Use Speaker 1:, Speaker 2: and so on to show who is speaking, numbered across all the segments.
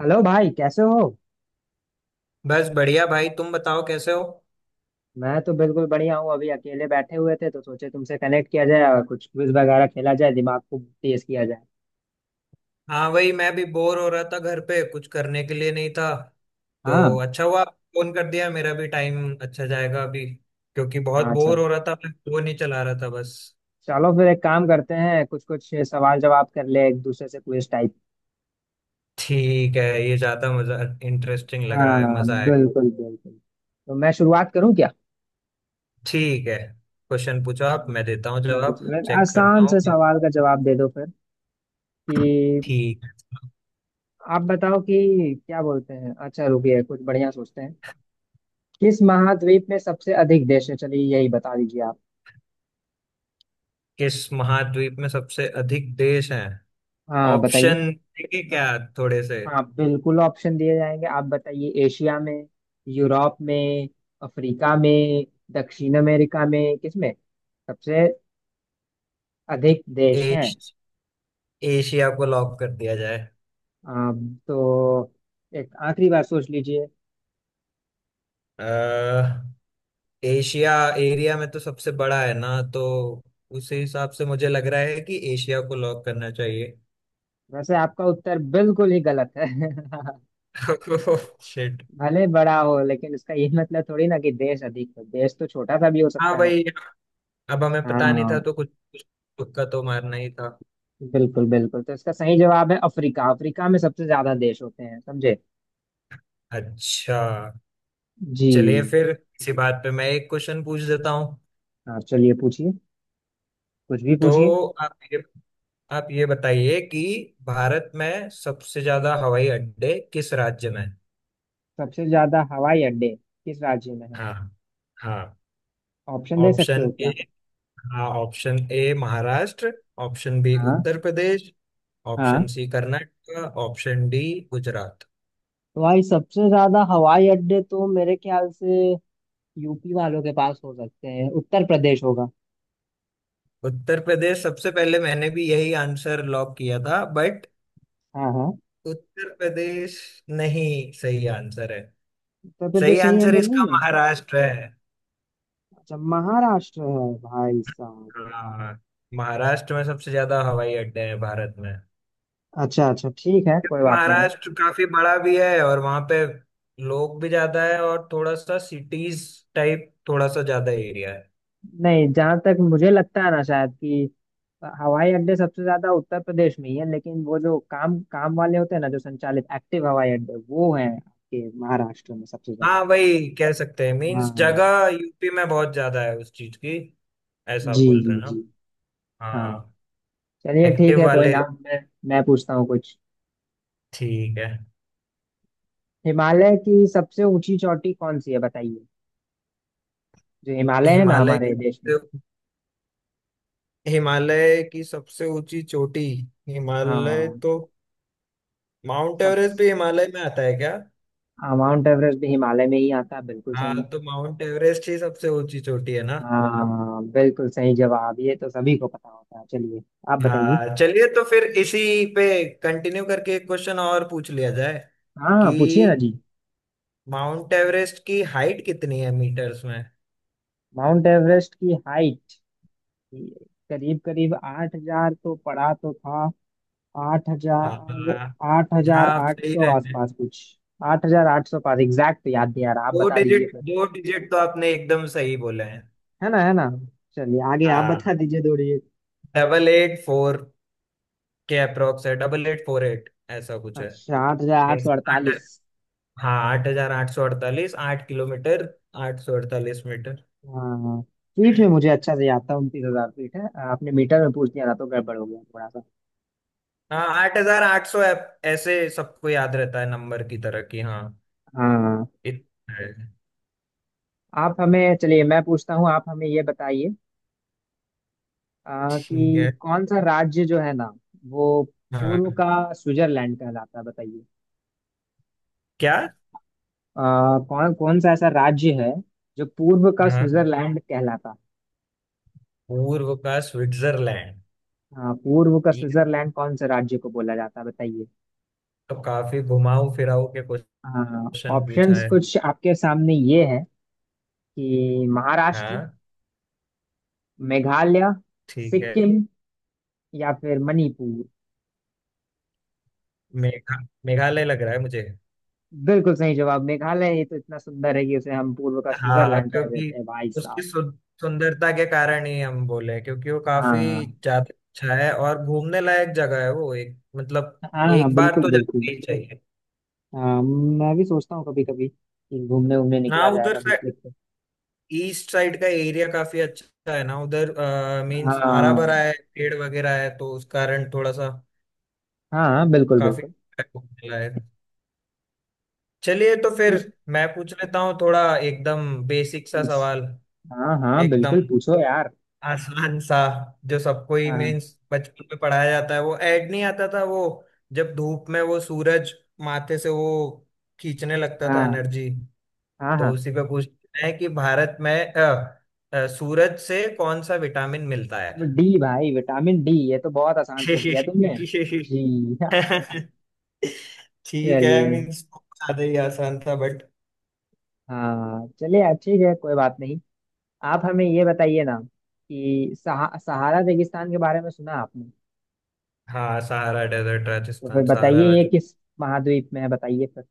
Speaker 1: Hello भाई, कैसे हो।
Speaker 2: बस बढ़िया भाई। तुम बताओ कैसे हो।
Speaker 1: मैं तो बिल्कुल बढ़िया हूँ। अभी अकेले बैठे हुए थे तो सोचे तुमसे कनेक्ट किया जाए और कुछ क्विज वगैरह खेला जाए, दिमाग को तेज किया जाए।
Speaker 2: हाँ, वही मैं भी बोर हो रहा था, घर पे कुछ करने के लिए नहीं था तो
Speaker 1: हाँ।
Speaker 2: अच्छा हुआ फोन कर दिया। मेरा भी टाइम अच्छा जाएगा अभी, क्योंकि बहुत
Speaker 1: अच्छा।
Speaker 2: बोर हो रहा था, मैं फोन ही चला रहा था बस।
Speaker 1: चलो फिर एक काम करते हैं, कुछ कुछ सवाल जवाब कर ले एक दूसरे से, क्विज टाइप।
Speaker 2: ठीक है, ये ज्यादा मजा, इंटरेस्टिंग लग रहा है,
Speaker 1: हाँ
Speaker 2: मजा आएगा।
Speaker 1: बिल्कुल बिल्कुल। तो मैं शुरुआत करूँ क्या।
Speaker 2: ठीक है, क्वेश्चन पूछो
Speaker 1: हाँ,
Speaker 2: आप, मैं देता हूँ
Speaker 1: ठीक है।
Speaker 2: जवाब,
Speaker 1: चलो एक
Speaker 2: चेक करता
Speaker 1: आसान
Speaker 2: हूँ
Speaker 1: से
Speaker 2: कि
Speaker 1: सवाल का जवाब दे दो फिर, कि
Speaker 2: ठीक।
Speaker 1: आप बताओ कि क्या बोलते हैं। अच्छा रुकिए कुछ बढ़िया सोचते हैं। किस महाद्वीप में सबसे अधिक देश है, चलिए यही बता दीजिए आप।
Speaker 2: किस महाद्वीप में सबसे अधिक देश हैं?
Speaker 1: हाँ बताइए।
Speaker 2: ऑप्शन देंगे क्या, थोड़े से?
Speaker 1: हाँ बिल्कुल ऑप्शन दिए जाएंगे। आप बताइए, एशिया में, यूरोप में, अफ्रीका में, दक्षिण अमेरिका में, किसमें सबसे अधिक देश हैं।
Speaker 2: एश, एशिया को लॉक कर दिया जाए।
Speaker 1: आप तो एक आखिरी बार सोच लीजिए।
Speaker 2: अह, एशिया एरिया में तो सबसे बड़ा है ना, तो उसी हिसाब से मुझे लग रहा है कि एशिया को लॉक करना चाहिए।
Speaker 1: वैसे आपका उत्तर बिल्कुल ही गलत है।
Speaker 2: शिट।
Speaker 1: भले बड़ा हो, लेकिन इसका ये मतलब थोड़ी ना कि देश अधिक है। देश तो छोटा सा भी हो सकता
Speaker 2: हाँ
Speaker 1: है ना।
Speaker 2: भाई, अब हमें पता नहीं था
Speaker 1: हाँ
Speaker 2: तो कुछ कुछ तुक्का तो मारना ही था।
Speaker 1: बिल्कुल बिल्कुल, तो इसका सही जवाब है अफ्रीका। अफ्रीका में सबसे ज्यादा देश होते हैं, समझे।
Speaker 2: अच्छा,
Speaker 1: जी।
Speaker 2: चलिए फिर इसी बात पे मैं एक क्वेश्चन पूछ देता हूँ।
Speaker 1: हाँ चलिए पूछिए, कुछ भी पूछिए।
Speaker 2: तो आप ये बताइए कि भारत में सबसे ज्यादा हवाई अड्डे किस राज्य में हैं?
Speaker 1: सबसे ज्यादा हवाई अड्डे किस राज्य में है।
Speaker 2: हाँ, हाँ,
Speaker 1: ऑप्शन दे सकते हो
Speaker 2: ऑप्शन ए।
Speaker 1: क्या।
Speaker 2: हाँ, option A Maharashtra, option B
Speaker 1: हाँ।
Speaker 2: उत्तर प्रदेश, ऑप्शन
Speaker 1: हाँ
Speaker 2: C Karnataka, option D Gujarat.
Speaker 1: भाई सबसे ज्यादा हवाई अड्डे तो मेरे ख्याल से यूपी वालों के पास हो सकते हैं, उत्तर प्रदेश होगा।
Speaker 2: उत्तर प्रदेश सबसे पहले मैंने भी यही आंसर लॉक किया था, बट
Speaker 1: हाँ हाँ।
Speaker 2: उत्तर प्रदेश नहीं सही आंसर है।
Speaker 1: उत्तर
Speaker 2: सही
Speaker 1: प्रदेश सही
Speaker 2: आंसर
Speaker 1: आंसर
Speaker 2: इसका
Speaker 1: नहीं है।
Speaker 2: महाराष्ट्र है।
Speaker 1: अच्छा महाराष्ट्र है भाई साहब।
Speaker 2: हाँ, महाराष्ट्र में सबसे ज्यादा हवाई अड्डे हैं भारत में।
Speaker 1: अच्छा अच्छा ठीक है, कोई
Speaker 2: क्योंकि
Speaker 1: बात नहीं।
Speaker 2: महाराष्ट्र काफी बड़ा भी है, और वहां पे लोग भी ज्यादा है, और थोड़ा सा सिटीज टाइप, थोड़ा सा ज्यादा एरिया है।
Speaker 1: नहीं, जहां तक मुझे लगता है ना, शायद कि हवाई अड्डे सबसे ज्यादा उत्तर प्रदेश में ही है, लेकिन वो जो काम काम वाले होते हैं ना, जो संचालित एक्टिव हवाई अड्डे, वो है आपके महाराष्ट्र में सबसे ज्यादा।
Speaker 2: हाँ, वही कह सकते हैं, मीन्स
Speaker 1: हाँ।
Speaker 2: जगह यूपी में बहुत ज्यादा है उस चीज की। ऐसा आप
Speaker 1: जी
Speaker 2: बोल
Speaker 1: जी
Speaker 2: रहे हैं
Speaker 1: जी।
Speaker 2: ना?
Speaker 1: हाँ
Speaker 2: हाँ।
Speaker 1: चलिए ठीक
Speaker 2: एक्टिव
Speaker 1: है, कोई
Speaker 2: वाले।
Speaker 1: ना। मैं पूछता हूँ कुछ।
Speaker 2: ठीक है।
Speaker 1: हिमालय की सबसे ऊंची चोटी कौन सी है बताइए, जो हिमालय है ना
Speaker 2: हिमालय,
Speaker 1: हमारे देश में।
Speaker 2: हिमालय की सबसे ऊंची चोटी, हिमालय
Speaker 1: हाँ।
Speaker 2: तो, माउंट
Speaker 1: सब।
Speaker 2: एवरेस्ट भी हिमालय में आता है क्या?
Speaker 1: हाँ, माउंट एवरेस्ट भी हिमालय में ही आता है, बिल्कुल सही।
Speaker 2: हाँ, तो माउंट एवरेस्ट ही सबसे ऊंची चोटी है ना।
Speaker 1: हाँ बिल्कुल सही जवाब, ये तो सभी को पता होता है। चलिए आप बताइए।
Speaker 2: हाँ, चलिए तो फिर इसी पे कंटिन्यू करके एक क्वेश्चन और पूछ लिया जाए कि
Speaker 1: हाँ पूछिए ना जी।
Speaker 2: माउंट एवरेस्ट की हाइट कितनी है मीटर्स में?
Speaker 1: माउंट एवरेस्ट की हाइट करीब करीब 8,000 तो पड़ा तो था। आठ
Speaker 2: हाँ,
Speaker 1: हजार।
Speaker 2: हाँ,
Speaker 1: 8,000
Speaker 2: आप
Speaker 1: आठ
Speaker 2: सही
Speaker 1: सौ
Speaker 2: रहे हैं।
Speaker 1: आसपास कुछ। 8,800 पास एग्जैक्ट याद नहीं आ रहा, आप
Speaker 2: दो
Speaker 1: बता दीजिए
Speaker 2: डिजिट
Speaker 1: फिर।
Speaker 2: 2 डिजिट तो आपने एकदम सही बोले हैं।
Speaker 1: है ना, है ना। चलिए आगे आप बता
Speaker 2: हाँ,
Speaker 1: दीजिए, दौड़िए।
Speaker 2: 884 के अप्रोक्स है, 8848, ऐसा कुछ है।
Speaker 1: अच्छा, आठ हजार आठ सौ
Speaker 2: मीन्स आठ,
Speaker 1: अड़तालीस
Speaker 2: हाँ 8,848, 8 किलोमीटर, 848 मीटर।
Speaker 1: हाँ। फीट में मुझे अच्छा से याद था, 29,000 फीट है। आपने मीटर में पूछ दिया था तो गड़बड़ हो गया थोड़ा सा।
Speaker 2: हाँ, 8,800, ऐसे सबको याद रहता है नंबर की तरह की। हाँ,
Speaker 1: हाँ।
Speaker 2: इतना है।
Speaker 1: आप हमें चलिए मैं पूछता हूँ, आप हमें ये बताइए।
Speaker 2: ठीक
Speaker 1: कि
Speaker 2: है।
Speaker 1: कौन सा राज्य जो है ना, वो
Speaker 2: हाँ।
Speaker 1: पूर्व का स्विट्जरलैंड कहलाता है, बताइए।
Speaker 2: क्या?
Speaker 1: कौन कौन सा ऐसा राज्य है जो पूर्व का
Speaker 2: हाँ,
Speaker 1: स्विट्जरलैंड कहलाता।
Speaker 2: पूर्व का स्विट्जरलैंड।
Speaker 1: हाँ पूर्व का
Speaker 2: ये
Speaker 1: स्विट्जरलैंड कौन से राज्य को बोला जाता है बताइए।
Speaker 2: तो काफी घुमाऊ फिराऊ के
Speaker 1: हाँ
Speaker 2: क्वेश्चन पूछा
Speaker 1: ऑप्शंस
Speaker 2: है।
Speaker 1: कुछ आपके सामने ये है, कि
Speaker 2: हाँ,
Speaker 1: महाराष्ट्र, मेघालय,
Speaker 2: ठीक है।
Speaker 1: सिक्किम, या फिर मणिपुर।
Speaker 2: मेघा मेघालय लग रहा है मुझे।
Speaker 1: बिल्कुल सही जवाब, मेघालय। ये तो इतना सुंदर है कि उसे हम पूर्व का
Speaker 2: हाँ,
Speaker 1: स्विट्जरलैंड कह
Speaker 2: क्योंकि
Speaker 1: देते हैं भाई
Speaker 2: उसकी
Speaker 1: साहब।
Speaker 2: सुंदरता के कारण ही हम बोले हैं, क्योंकि वो
Speaker 1: हाँ
Speaker 2: काफी ज्यादा अच्छा है और घूमने लायक जगह है वो, एक मतलब
Speaker 1: हाँ। हाँ,
Speaker 2: एक बार
Speaker 1: बिल्कुल
Speaker 2: तो
Speaker 1: बिल्कुल।
Speaker 2: जाना ही चाहिए।
Speaker 1: हाँ मैं भी सोचता हूँ कभी कभी कि घूमने घूमने निकला
Speaker 2: हाँ,
Speaker 1: जाए
Speaker 2: उधर
Speaker 1: कभी
Speaker 2: से
Speaker 1: ट्रिप पे।
Speaker 2: ईस्ट साइड का एरिया काफी अच्छा है ना उधर, मीन्स हरा भरा
Speaker 1: हाँ
Speaker 2: है, पेड़ वगैरह है तो उस कारण थोड़ा सा
Speaker 1: हाँ। हाँ बिल्कुल
Speaker 2: काफी
Speaker 1: बिल्कुल।
Speaker 2: घूमने लायक। चलिए तो फिर
Speaker 1: ठीक है।
Speaker 2: मैं पूछ लेता हूँ थोड़ा एकदम बेसिक सा
Speaker 1: पूछ।
Speaker 2: सवाल,
Speaker 1: हाँ हाँ
Speaker 2: एकदम
Speaker 1: बिल्कुल पूछो यार।
Speaker 2: आसान सा, जो सबको ही
Speaker 1: हाँ।
Speaker 2: मीन्स बचपन में पढ़ाया जाता है, वो ऐड नहीं आता था, वो जब धूप में वो सूरज माथे से वो खींचने लगता था
Speaker 1: हाँ।
Speaker 2: एनर्जी।
Speaker 1: हाँ
Speaker 2: तो
Speaker 1: हाँ
Speaker 2: उसी पे पूछना है कि भारत में सूरज से कौन सा विटामिन मिलता है?
Speaker 1: वो डी भाई, विटामिन डी। ये तो बहुत आसान पूछ लिया तुमने। जी हाँ।
Speaker 2: ठीक है,
Speaker 1: चलिए।
Speaker 2: मीन्स ज्यादा ही आसान था बट।
Speaker 1: हाँ चलिए अच्छी है, कोई बात नहीं। आप हमें ये बताइए ना कि सहारा रेगिस्तान के बारे में सुना आपने।
Speaker 2: हाँ, सहारा डेजर्ट
Speaker 1: तो फिर
Speaker 2: राजस्थान
Speaker 1: बताइए
Speaker 2: सहारा,
Speaker 1: ये किस महाद्वीप में है, बताइए फिर।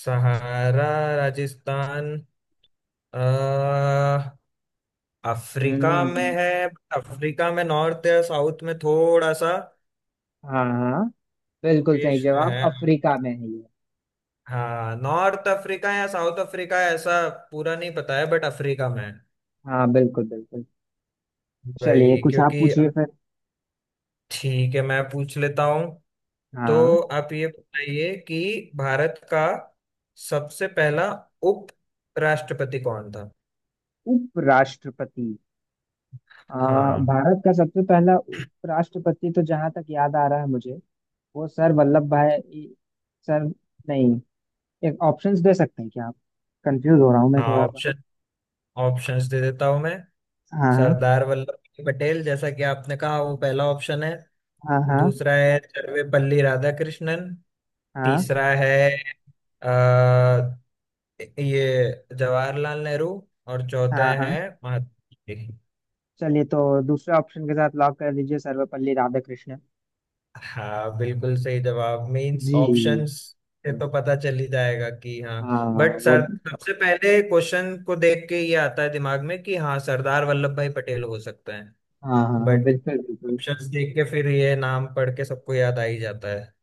Speaker 2: सहारा राजस्थान, अ, अफ्रीका में
Speaker 1: हम्म।
Speaker 2: है। अफ्रीका में नॉर्थ या साउथ में थोड़ा सा,
Speaker 1: हाँ हाँ बिल्कुल सही
Speaker 2: देश में
Speaker 1: जवाब,
Speaker 2: है।
Speaker 1: अफ्रीका में है ये।
Speaker 2: हाँ, नॉर्थ अफ्रीका या साउथ अफ्रीका, ऐसा पूरा नहीं पता है, बट अफ्रीका में है।
Speaker 1: हाँ बिल्कुल बिल्कुल। चलिए
Speaker 2: भाई
Speaker 1: कुछ आप
Speaker 2: क्योंकि,
Speaker 1: पूछिए फिर।
Speaker 2: ठीक है मैं पूछ लेता हूँ।
Speaker 1: हाँ।
Speaker 2: तो आप ये बताइए कि भारत का सबसे पहला उप राष्ट्रपति कौन था?
Speaker 1: उपराष्ट्रपति। आ,
Speaker 2: हाँ,
Speaker 1: भारत का सबसे पहला उपराष्ट्रपति, तो जहां तक याद आ रहा है मुझे, वो सर वल्लभ भाई, सर, नहीं। एक ऑप्शंस दे सकते हैं क्या आप, कंफ्यूज हो रहा हूँ मैं
Speaker 2: हाँ,
Speaker 1: थोड़ा सा।
Speaker 2: ऑप्शन ऑप्शंस दे देता हूं मैं।
Speaker 1: हाँ
Speaker 2: सरदार वल्लभ भाई पटेल जैसा कि आपने कहा, वो पहला ऑप्शन है।
Speaker 1: हाँ। हाँ
Speaker 2: दूसरा है सर्वपल्ली राधाकृष्णन।
Speaker 1: हाँ।
Speaker 2: तीसरा है अ, ये जवाहरलाल नेहरू। और
Speaker 1: हाँ
Speaker 2: चौथे
Speaker 1: हाँ हाँ।
Speaker 2: हैं महात्मा गांधी।
Speaker 1: चलिए तो दूसरे ऑप्शन के साथ लॉक कर दीजिए, सर्वपल्ली राधाकृष्णन।
Speaker 2: हाँ, बिल्कुल सही जवाब, मींस
Speaker 1: जी।
Speaker 2: ऑप्शंस से तो पता चल ही जाएगा कि हाँ,
Speaker 1: हाँ।
Speaker 2: बट
Speaker 1: वो
Speaker 2: सर सबसे पहले क्वेश्चन को देख के ये आता है दिमाग में कि हाँ सरदार वल्लभ भाई पटेल हो सकते हैं,
Speaker 1: हाँ हाँ हाँ,
Speaker 2: बट
Speaker 1: बिल्कुल बिल्कुल।
Speaker 2: ऑप्शंस देख के फिर ये नाम पढ़ के सबको याद आ ही जाता है।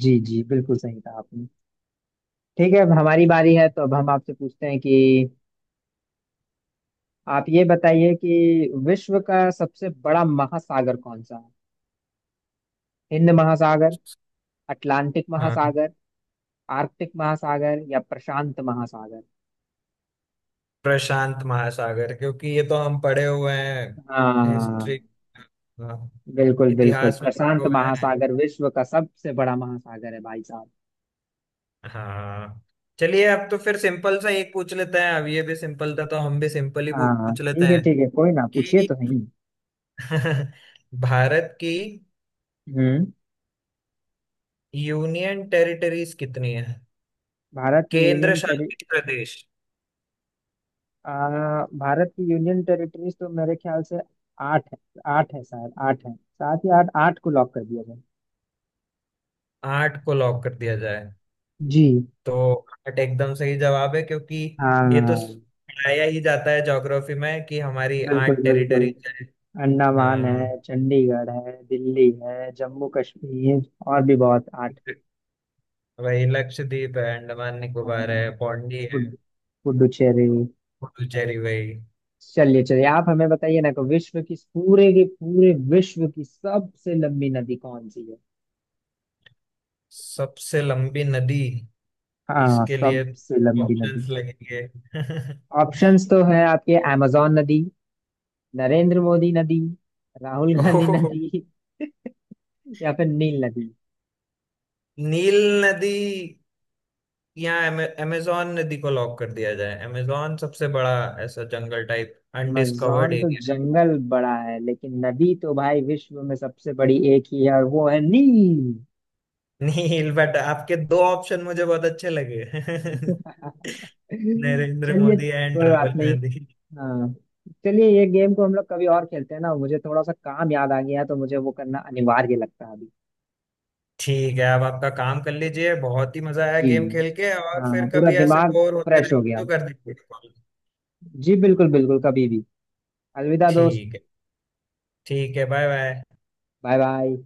Speaker 1: जी जी, बिल्कुल सही कहा आपने। ठीक है अब हमारी बारी है, तो अब हम आपसे पूछते हैं कि आप ये बताइए कि विश्व का सबसे बड़ा महासागर कौन सा है। हिंद महासागर, अटलांटिक
Speaker 2: हाँ,
Speaker 1: महासागर, आर्कटिक महासागर, या प्रशांत महासागर।
Speaker 2: प्रशांत महासागर क्योंकि ये तो हम पढ़े हुए हैं,
Speaker 1: हाँ
Speaker 2: हिस्ट्री,
Speaker 1: बिल्कुल बिल्कुल,
Speaker 2: इतिहास में पढ़े
Speaker 1: प्रशांत
Speaker 2: हुए हैं।
Speaker 1: महासागर विश्व का सबसे बड़ा महासागर है भाई साहब।
Speaker 2: हाँ, चलिए अब तो फिर सिंपल सा एक पूछ लेते हैं, अब ये भी सिंपल था तो हम भी सिंपल ही
Speaker 1: हाँ हाँ,
Speaker 2: पूछ लेते हैं
Speaker 1: ठीक है कोई ना, पूछिए
Speaker 2: कि
Speaker 1: तो नहीं।
Speaker 2: भारत की
Speaker 1: हम्म।
Speaker 2: यूनियन टेरिटरीज कितनी है,
Speaker 1: भारत की
Speaker 2: केंद्र
Speaker 1: यूनियन टेरि।
Speaker 2: शासित प्रदेश?
Speaker 1: आ, भारत की यूनियन टेरिटरीज तो मेरे ख्याल से आठ है। आठ है शायद, आठ है, साथ ही आठ, आठ को लॉक कर दिया जाए।
Speaker 2: आठ को लॉक कर दिया जाए।
Speaker 1: जी।
Speaker 2: तो आर्ट एकदम सही जवाब है, क्योंकि ये तो
Speaker 1: हाँ
Speaker 2: पढ़ाया ही जाता है ज्योग्राफी में कि हमारी
Speaker 1: बिल्कुल
Speaker 2: आठ
Speaker 1: बिल्कुल।
Speaker 2: टेरिटरी क्या है।
Speaker 1: अंडमान है,
Speaker 2: हाँ
Speaker 1: चंडीगढ़ है, दिल्ली है, जम्मू कश्मीर, और भी बहुत आठ।
Speaker 2: वही, लक्षद्वीप है, अंडमान निकोबार
Speaker 1: हाँ,
Speaker 2: है, पौंडी है,
Speaker 1: पुड- पुडुचेरी।
Speaker 2: पुडुचेरी वही।
Speaker 1: चलिए चलिए आप हमें बताइए ना, कि विश्व की, पूरे के पूरे विश्व की सबसे लंबी नदी कौन सी है।
Speaker 2: सबसे लंबी नदी,
Speaker 1: हाँ
Speaker 2: इसके लिए
Speaker 1: सबसे लंबी नदी।
Speaker 2: ऑप्शंस लगेंगे।
Speaker 1: ऑप्शंस तो है आपके, amazon नदी, नरेंद्र मोदी नदी, राहुल गांधी
Speaker 2: ओह,
Speaker 1: नदी, या फिर नील नदी।
Speaker 2: नील नदी या अमेजोन नदी को लॉक कर दिया जाए। अमेजोन सबसे बड़ा, ऐसा जंगल टाइप अनडिस्कवर्ड।
Speaker 1: अमेजोन तो जंगल बड़ा है, लेकिन नदी तो भाई विश्व में सबसे बड़ी एक ही है, और वो है नील।
Speaker 2: नील, बट आपके दो ऑप्शन मुझे बहुत अच्छे लगे। नरेंद्र
Speaker 1: चलिए
Speaker 2: मोदी एंड
Speaker 1: कोई बात
Speaker 2: राहुल
Speaker 1: नहीं।
Speaker 2: गांधी।
Speaker 1: हाँ। चलिए ये गेम को हम लोग कभी और खेलते हैं ना, मुझे थोड़ा सा काम याद आ गया है, तो मुझे वो करना अनिवार्य लगता है अभी।
Speaker 2: ठीक है, अब आपका काम कर लीजिए, बहुत ही मजा आया
Speaker 1: जी।
Speaker 2: गेम खेल के, और फिर
Speaker 1: हाँ पूरा
Speaker 2: कभी ऐसे
Speaker 1: दिमाग
Speaker 2: बोर होते
Speaker 1: फ्रेश
Speaker 2: रहे
Speaker 1: हो गया।
Speaker 2: तो कर दीजिए कॉल।
Speaker 1: जी बिल्कुल बिल्कुल, कभी भी। अलविदा दोस्त।
Speaker 2: ठीक है, ठीक है, बाय बाय।
Speaker 1: Bye bye.